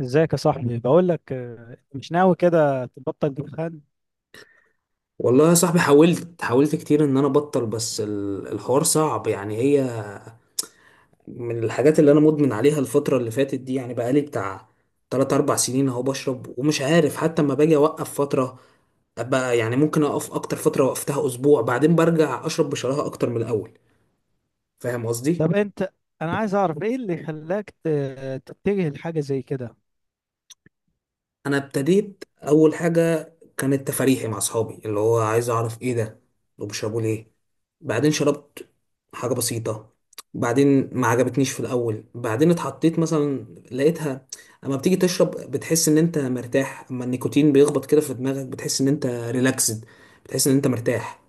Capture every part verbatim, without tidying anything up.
ازيك يا صاحبي؟ بقول لك آه، مش ناوي كده تبطل دخان؟ والله يا صاحبي حاولت حاولت كتير ان انا ابطل. بس ال- الحوار صعب. يعني هي من الحاجات اللي انا مدمن عليها الفترة اللي فاتت دي. يعني بقالي بتاع تلاتة اربعة سنين اهو بشرب، ومش عارف حتى اما باجي اوقف فترة ابقى يعني ممكن اقف اكتر. فترة وقفتها اسبوع بعدين برجع اشرب بشراهة اكتر من الاول. فاهم قصدي؟ طب انت، انا عايز اعرف ايه اللي خلاك ت- تتجه لحاجه زي كده؟ انا ابتديت، اول حاجه كانت تفاريحي مع اصحابي اللي هو عايز اعرف ايه ده وبيشربوا ليه. بعدين شربت حاجه بسيطه، بعدين ما عجبتنيش في الاول، بعدين اتحطيت مثلا لقيتها. اما بتيجي تشرب بتحس ان انت مرتاح، اما النيكوتين بيخبط كده في دماغك بتحس ان انت ريلاكسد، بتحس ان انت مرتاح.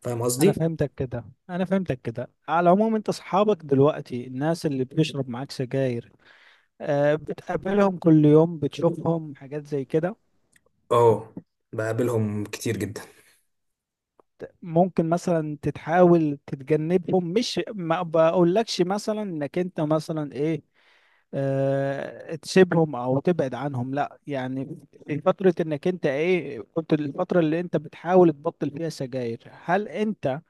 فاهم انا قصدي؟ فهمتك كده. انا فهمتك كده. على العموم انت اصحابك دلوقتي الناس اللي بتشرب معاك سجاير، آه، بتقابلهم كل يوم، بتشوفهم حاجات زي كده؟ اه، بقابلهم كتير جدا. ممكن مثلا تتحاول تتجنبهم؟ مش ما بقولكش مثلا انك انت مثلا ايه، آه، تسيبهم او تبعد عنهم، لا يعني. في فترة، انك انت ايه، كنت الفترة اللي انت بتحاول تبطل فيها سجاير، هل انت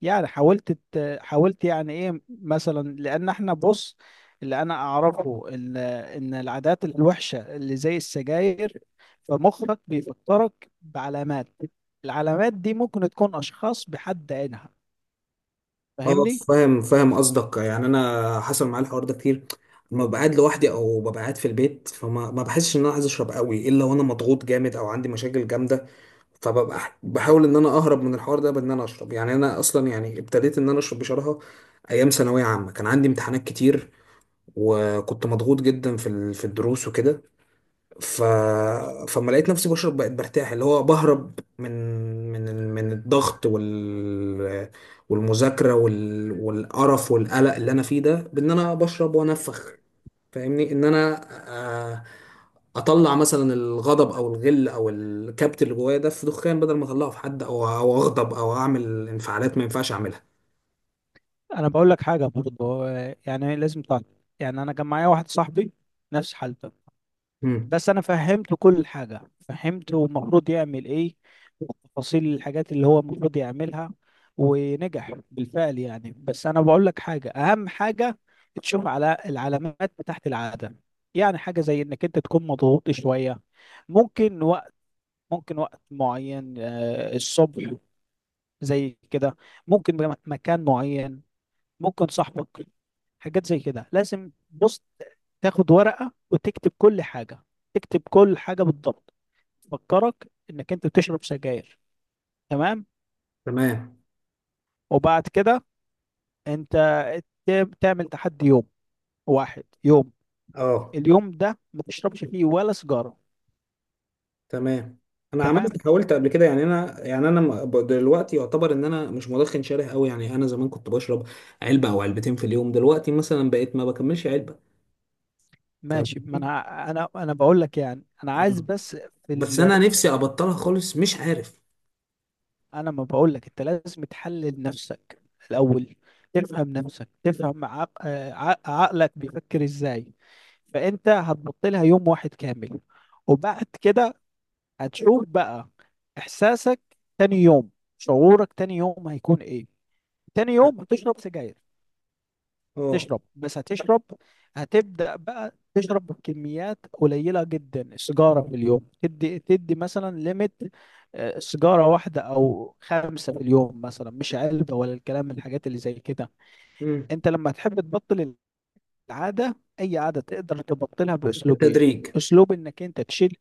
يعني حاولت ت- حاولت يعني ايه مثلا؟ لان احنا بص، اللي انا اعرفه ان ان العادات الوحشة اللي زي السجاير، فمخك بيفكرك بعلامات. العلامات دي ممكن تكون اشخاص بحد عينها، اه، فاهمني؟ فاهم فاهم قصدك. يعني انا حصل معايا الحوار ده كتير. لما ببقى قاعد لوحدي او ببقى قاعد في البيت فما ما بحسش ان انا عايز اشرب قوي، الا وانا مضغوط جامد او عندي مشاكل جامده. فببقى ح- بحاول ان انا اهرب من الحوار ده بان انا اشرب. يعني انا اصلا يعني ابتديت ان انا اشرب بشراهه ايام ثانويه عامه، كان عندي امتحانات كتير، وكنت مضغوط جدا في ال- في الدروس وكده. ف... فما لقيت نفسي بشرب بقيت برتاح، اللي هو بهرب من من ال- من الضغط وال والمذاكرة وال... والقرف والقلق اللي انا فيه ده بان انا بشرب وانفخ. فاهمني؟ ان انا آه، اطلع مثلا الغضب او الغل او الكبت اللي جوايا ده في دخان، بدل ما اطلعه في حد او او اغضب او اعمل انفعالات ما ينفعش اعملها. انا بقول لك حاجه برضه. هو يعني لازم تعرف، يعني انا كان معايا واحد صاحبي نفس حالته، امم. بس انا فهمته كل حاجه، فهمته المفروض يعمل ايه وتفاصيل الحاجات اللي هو المفروض يعملها، ونجح بالفعل يعني. بس انا بقول لك حاجه، اهم حاجه تشوف على العلامات بتاعت العاده. يعني حاجه زي انك انت تكون مضغوط شويه، ممكن وقت، ممكن وقت معين، آه، الصبح زي كده، ممكن مكان معين، ممكن صاحبك، حاجات زي كده. لازم بص، تاخد ورقة وتكتب كل حاجة، تكتب كل حاجة بالضبط تفكرك انك انت بتشرب سجاير، تمام؟ تمام. وبعد كده انت ت- تعمل تحدي يوم، واحد يوم، اه، اليوم ده ما تشربش فيه ولا سيجارة. تمام. انا تمام، عملت، حاولت قبل كده. يعني انا يعني انا م- ب- دلوقتي يعتبر ان انا مش مدخن شره قوي. يعني انا زمان كنت بشرب علبه او علبتين في اليوم، دلوقتي مثلا بقيت ما بكملش علبه. فاهم ماشي. ما قصدي؟ انا انا انا بقول لك، يعني انا عايز آه. بس، في، بس انا نفسي ابطلها خالص، مش عارف. انا ما بقول لك انت لازم تحلل نفسك الاول، تفهم نفسك، تفهم عق... آه، ع- عقلك بيفكر ازاي. فانت هتبط لها يوم واحد كامل، وبعد كده هتشوف بقى احساسك تاني يوم. شعورك تاني يوم هيكون ايه؟ تاني يوم هتشرب سجاير، اه. تشرب بس هتشرب، هتبدأ بقى تشرب بكميات قليلة جدا. سيجارة في اليوم، تدي تدي مثلا ليميت، سيجارة واحدة أو خمسة في اليوم مثلا، مش علبة ولا الكلام من الحاجات اللي زي كده. امم. أنت لما تحب تبطل العادة، أي عادة تقدر تبطلها بأسلوبين. بالتدريج. أسلوب إنك أنت تشيل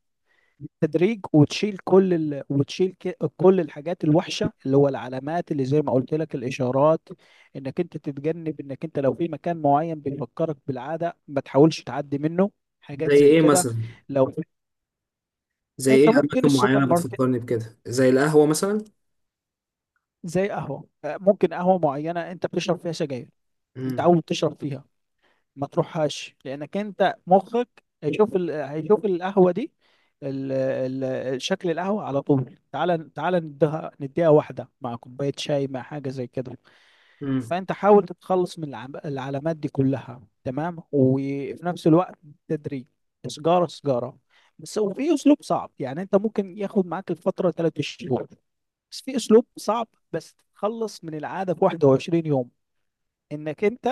تدريج، وتشيل كل ال... وتشيل ك... كل الحاجات الوحشه اللي هو العلامات، اللي زي ما قلت لك الاشارات، انك انت تتجنب انك انت لو في مكان معين بيفكرك بالعاده ما تحاولش تعدي منه. حاجات زي زي ايه كده. مثلا؟ لو زي انت ايه ممكن اماكن السوبر معينه ماركت، بتفكرني بكده؟ زي القهوه مثلا. زي قهوه، آه، ممكن قهوه معينه انت بتشرب فيها سجاير، امم. متعود تشرب فيها، ما تروحهاش، لانك انت مخك هيشوف ال... هيشوف القهوه دي، ال... ال... شكل القهوه على طول، تعال تعال نديها نديها واحده مع كوبايه شاي مع حاجه زي كده. امم. فانت حاول تتخلص من العم... العلامات دي كلها، تمام؟ وفي نفس الوقت تدريج، سجاره سجاره بس. وفي اسلوب صعب، يعني انت ممكن ياخد معاك الفتره ثلاث شهور، بس في اسلوب صعب، بس تتخلص من العاده في واحد وعشرين يوم. انك انت،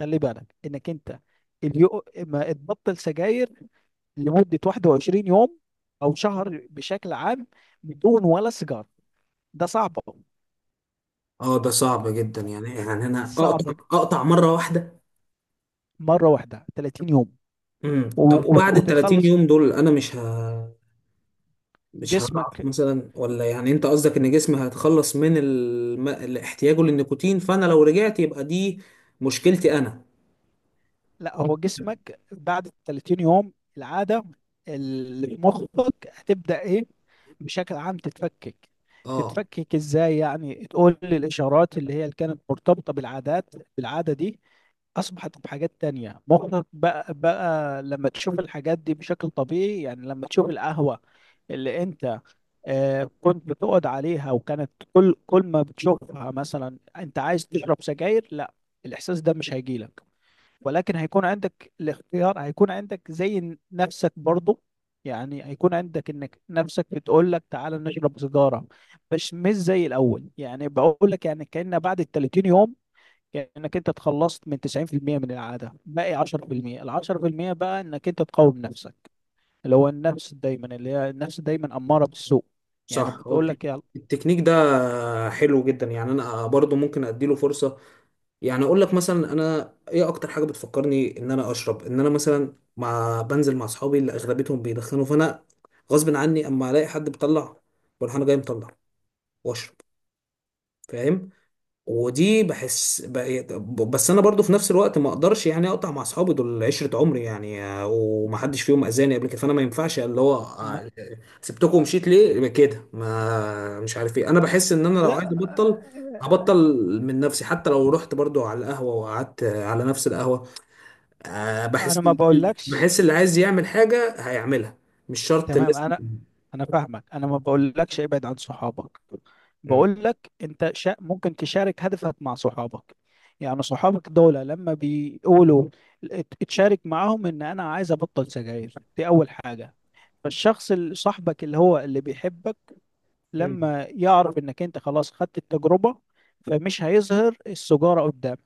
خلي بالك انك انت، اليو... ما تبطل سجاير لمدة واحد وعشرين يوم او شهر بشكل عام بدون ولا سيجار. ده صعب أوي. اه، ده صعب جدا. يعني يعني انا صعب اقطع ج- اقطع مره واحده. مرة واحدة ثلاثين يوم، امم، طب و... وت- وبعد ال تلاتين وتتخلص. يوم دول انا مش ه مش هضعف جسمك، مثلا ولا؟ يعني انت قصدك ان جسمي هيتخلص من الم... احتياجه للنيكوتين، فانا لو رجعت يبقى دي مشكلتي انا. لا هو جسمك بعد ثلاثين يوم، العادة اللي في مخك هتبدأ ايه، بشكل عام تتفكك. اه، تتفكك ازاي يعني؟ تقول لي الاشارات اللي هي اللي كانت مرتبطة بالعادات، بالعادة دي، اصبحت بحاجات تانية. مخك بقى بقى لما تشوف الحاجات دي بشكل طبيعي، يعني لما تشوف القهوة اللي انت آه، كنت بتقعد عليها، وكانت كل كل ما بتشوفها مثلا انت عايز تشرب سجاير، لا الاحساس ده مش هيجيلك. ولكن هيكون عندك الاختيار، هيكون عندك زي نفسك برضو. يعني هيكون عندك انك نفسك بتقول لك تعالى نشرب سيجارة، بس مش زي الاول. يعني بقول لك يعني كأن بعد ال ثلاثين يوم، يعني انك انت اتخلصت من تسعين في المية من العاده، باقي عشرة في المية. ال عشرة في المية بقى انك انت تقاوم نفسك، اللي هو النفس دايما، اللي هي النفس دايما اماره بالسوء. يعني صح. هو بتقول التك- لك يلا. التكنيك ده حلو جدا. يعني انا برضو ممكن اديله فرصة. يعني اقول لك مثلا انا ايه اكتر حاجة بتفكرني ان انا اشرب؟ ان انا مثلا مع بنزل مع اصحابي اللي اغلبيتهم بيدخنوا، فانا غصب عني اما الاقي حد بيطلع بروح انا جاي مطلع واشرب. فاهم؟ ودي بحس ب- بس انا برضو في نفس الوقت ما اقدرش يعني اقطع مع اصحابي دول عشرة عمري. يعني آه، ومحدش فيهم اذاني قبل كده فانا ما ينفعش اللي هو ما... آه، سبتكم ومشيت ليه. يبقى كده ما مش عارف ايه. انا بحس ان انا لو لا عايز ابطل هبطل من نفسي، حتى لو رحت برضو على القهوة وقعدت آه، على نفس القهوة. آه، انا بحس ما بقولكش. بحس اللي عايز يعمل حاجة هيعملها، مش شرط تمام، لازم. انا انا فاهمك. انا ما بقولكش ابعد عن صحابك، م- بقول لك انت شا... ممكن تشارك هدفك مع صحابك. يعني صحابك دول لما بيقولوا، ات- اتشارك معاهم ان انا عايز ابطل سجاير، دي اول حاجة. فالشخص اللي صاحبك، اللي هو اللي بيحبك، م- لما يعرف انك انت خلاص خدت التجربة، فمش هيظهر السجارة قدامك.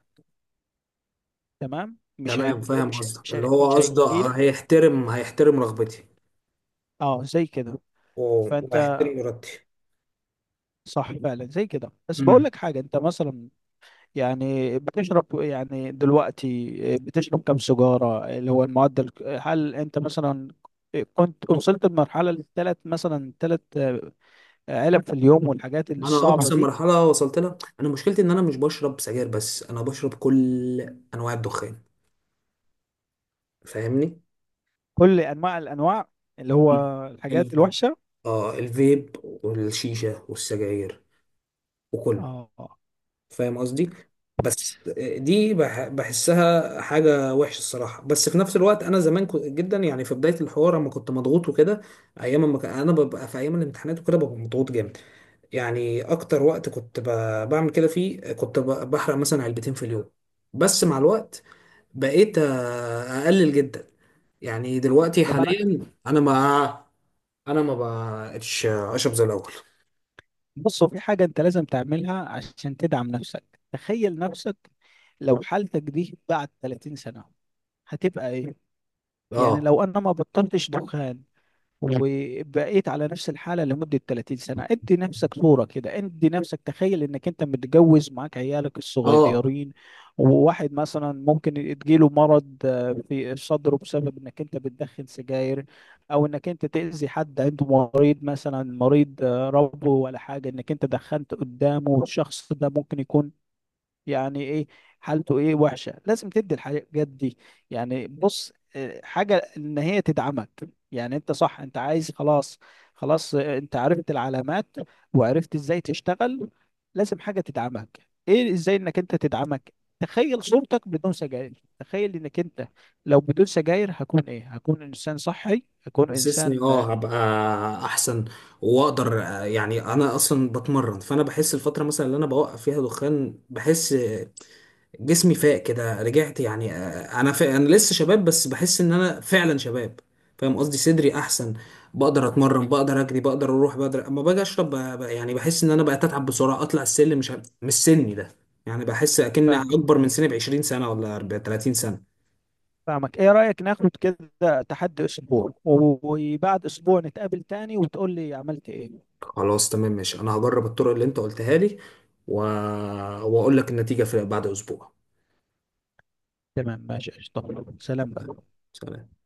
تمام؟ مش تمام، هيج... فاهم مش قصدك. مش اللي هي... هو مش قصده هيجيلك. هيحترم هيحترم رغبتي اه زي كده. و- فانت واحترم ارادتي. صح فعلا زي كده. بس بقول مم. لك حاجة، انت مثلا يعني بتشرب يعني دلوقتي، آه، بتشرب كم سجارة اللي هو المعدل؟ هل انت مثلا كنت وصلت لمرحلة للثلاث مثلا ثلاث علب في اليوم والحاجات انا الصعبة اقصى دي؟ مرحله وصلت لها، انا مشكلتي ان انا مش بشرب سجاير بس، انا بشرب كل انواع الدخان. فاهمني؟ كل انواع الانواع، اللي هو مم. ال... الحاجات الوحشه، اه، الفيب والشيشه والسجاير وكله. اه. فاهم قصدي؟ بس دي بح... بحسها حاجه وحشه الصراحه. بس في نفس الوقت انا زمان كنت جدا يعني في بدايه الحوار اما كنت مضغوط وكده ايام ما ك... انا ببقى في ايام الامتحانات وكده ببقى مضغوط جامد. يعني اكتر وقت كنت ب- بعمل كده فيه كنت ب- بحرق مثلا علبتين في اليوم. بس مع الوقت بقيت آه، اقلل جدا. يعني دلوقتي طب انا، حاليا انا ما انا ما بقتش اشرب زي الاول. بص هو في حاجه انت لازم تعملها عشان تدعم نفسك. تخيل نفسك لو حالتك دي بعد ثلاثين سنه هتبقى ايه. يعني اه. لو انا ما بطلتش دخان، مم. وبقيت على نفس الحالة لمدة ثلاثين سنة. ادي نفسك صورة كده، ادي نفسك تخيل انك انت متجوز معاك عيالك اه، الصغيرين، وواحد مثلا ممكن يجيله مرض آه، في صدره بسبب انك انت بتدخن سجاير. او انك انت تأذي حد عنده مريض مثلا، مريض آه، ربو ولا حاجة، انك انت دخنت قدامه والشخص ده ممكن يكون يعني ايه حالته، ايه وحشه. لازم تدي الحاجات دي يعني، بص، آه، حاجه ان هي تدعمك. يعني انت صح، انت عايز خلاص، خلاص، آه، انت عرفت العلامات، وعرفت ازاي تشتغل، لازم حاجه تدعمك. ايه ازاي انك انت تدعمك؟ تخيل صورتك بدون سجاير. تخيل انك انت لو بدون سجاير هكون ايه؟ هكون انسان صحي، هكون حسسني انسان آه، اه هبقى احسن واقدر. آه، يعني انا اصلا بتمرن. فانا بحس الفتره مثلا اللي انا بوقف فيها دخان بحس جسمي فاق كده، رجعت يعني. آه، انا فاق، انا لسه شباب، بس بحس ان انا فعلا شباب. فاهم قصدي؟ صدري احسن، بقدر اتمرن بقدر اجري بقدر اروح. بقدر اما باجي اشرب ب- ب- يعني بحس ان انا بقيت اتعب بسرعه، اطلع السلم مش عارف- مش سني ده. يعني بحس اكن فاهم. اكبر من سني ب عشرين سنه ولا اربعين تلاتين سنه. فاهمك، ايه رأيك ناخد كده تحدي اسبوع و- وبعد اسبوع نتقابل تاني وتقول لي عملت ايه؟ خلاص تمام ماشي، انا هجرب الطرق اللي انت قلتها لي و... واقول لك النتيجه في بعد اسبوع. تمام، ماشي، قشطة. سلام بقى. سلام.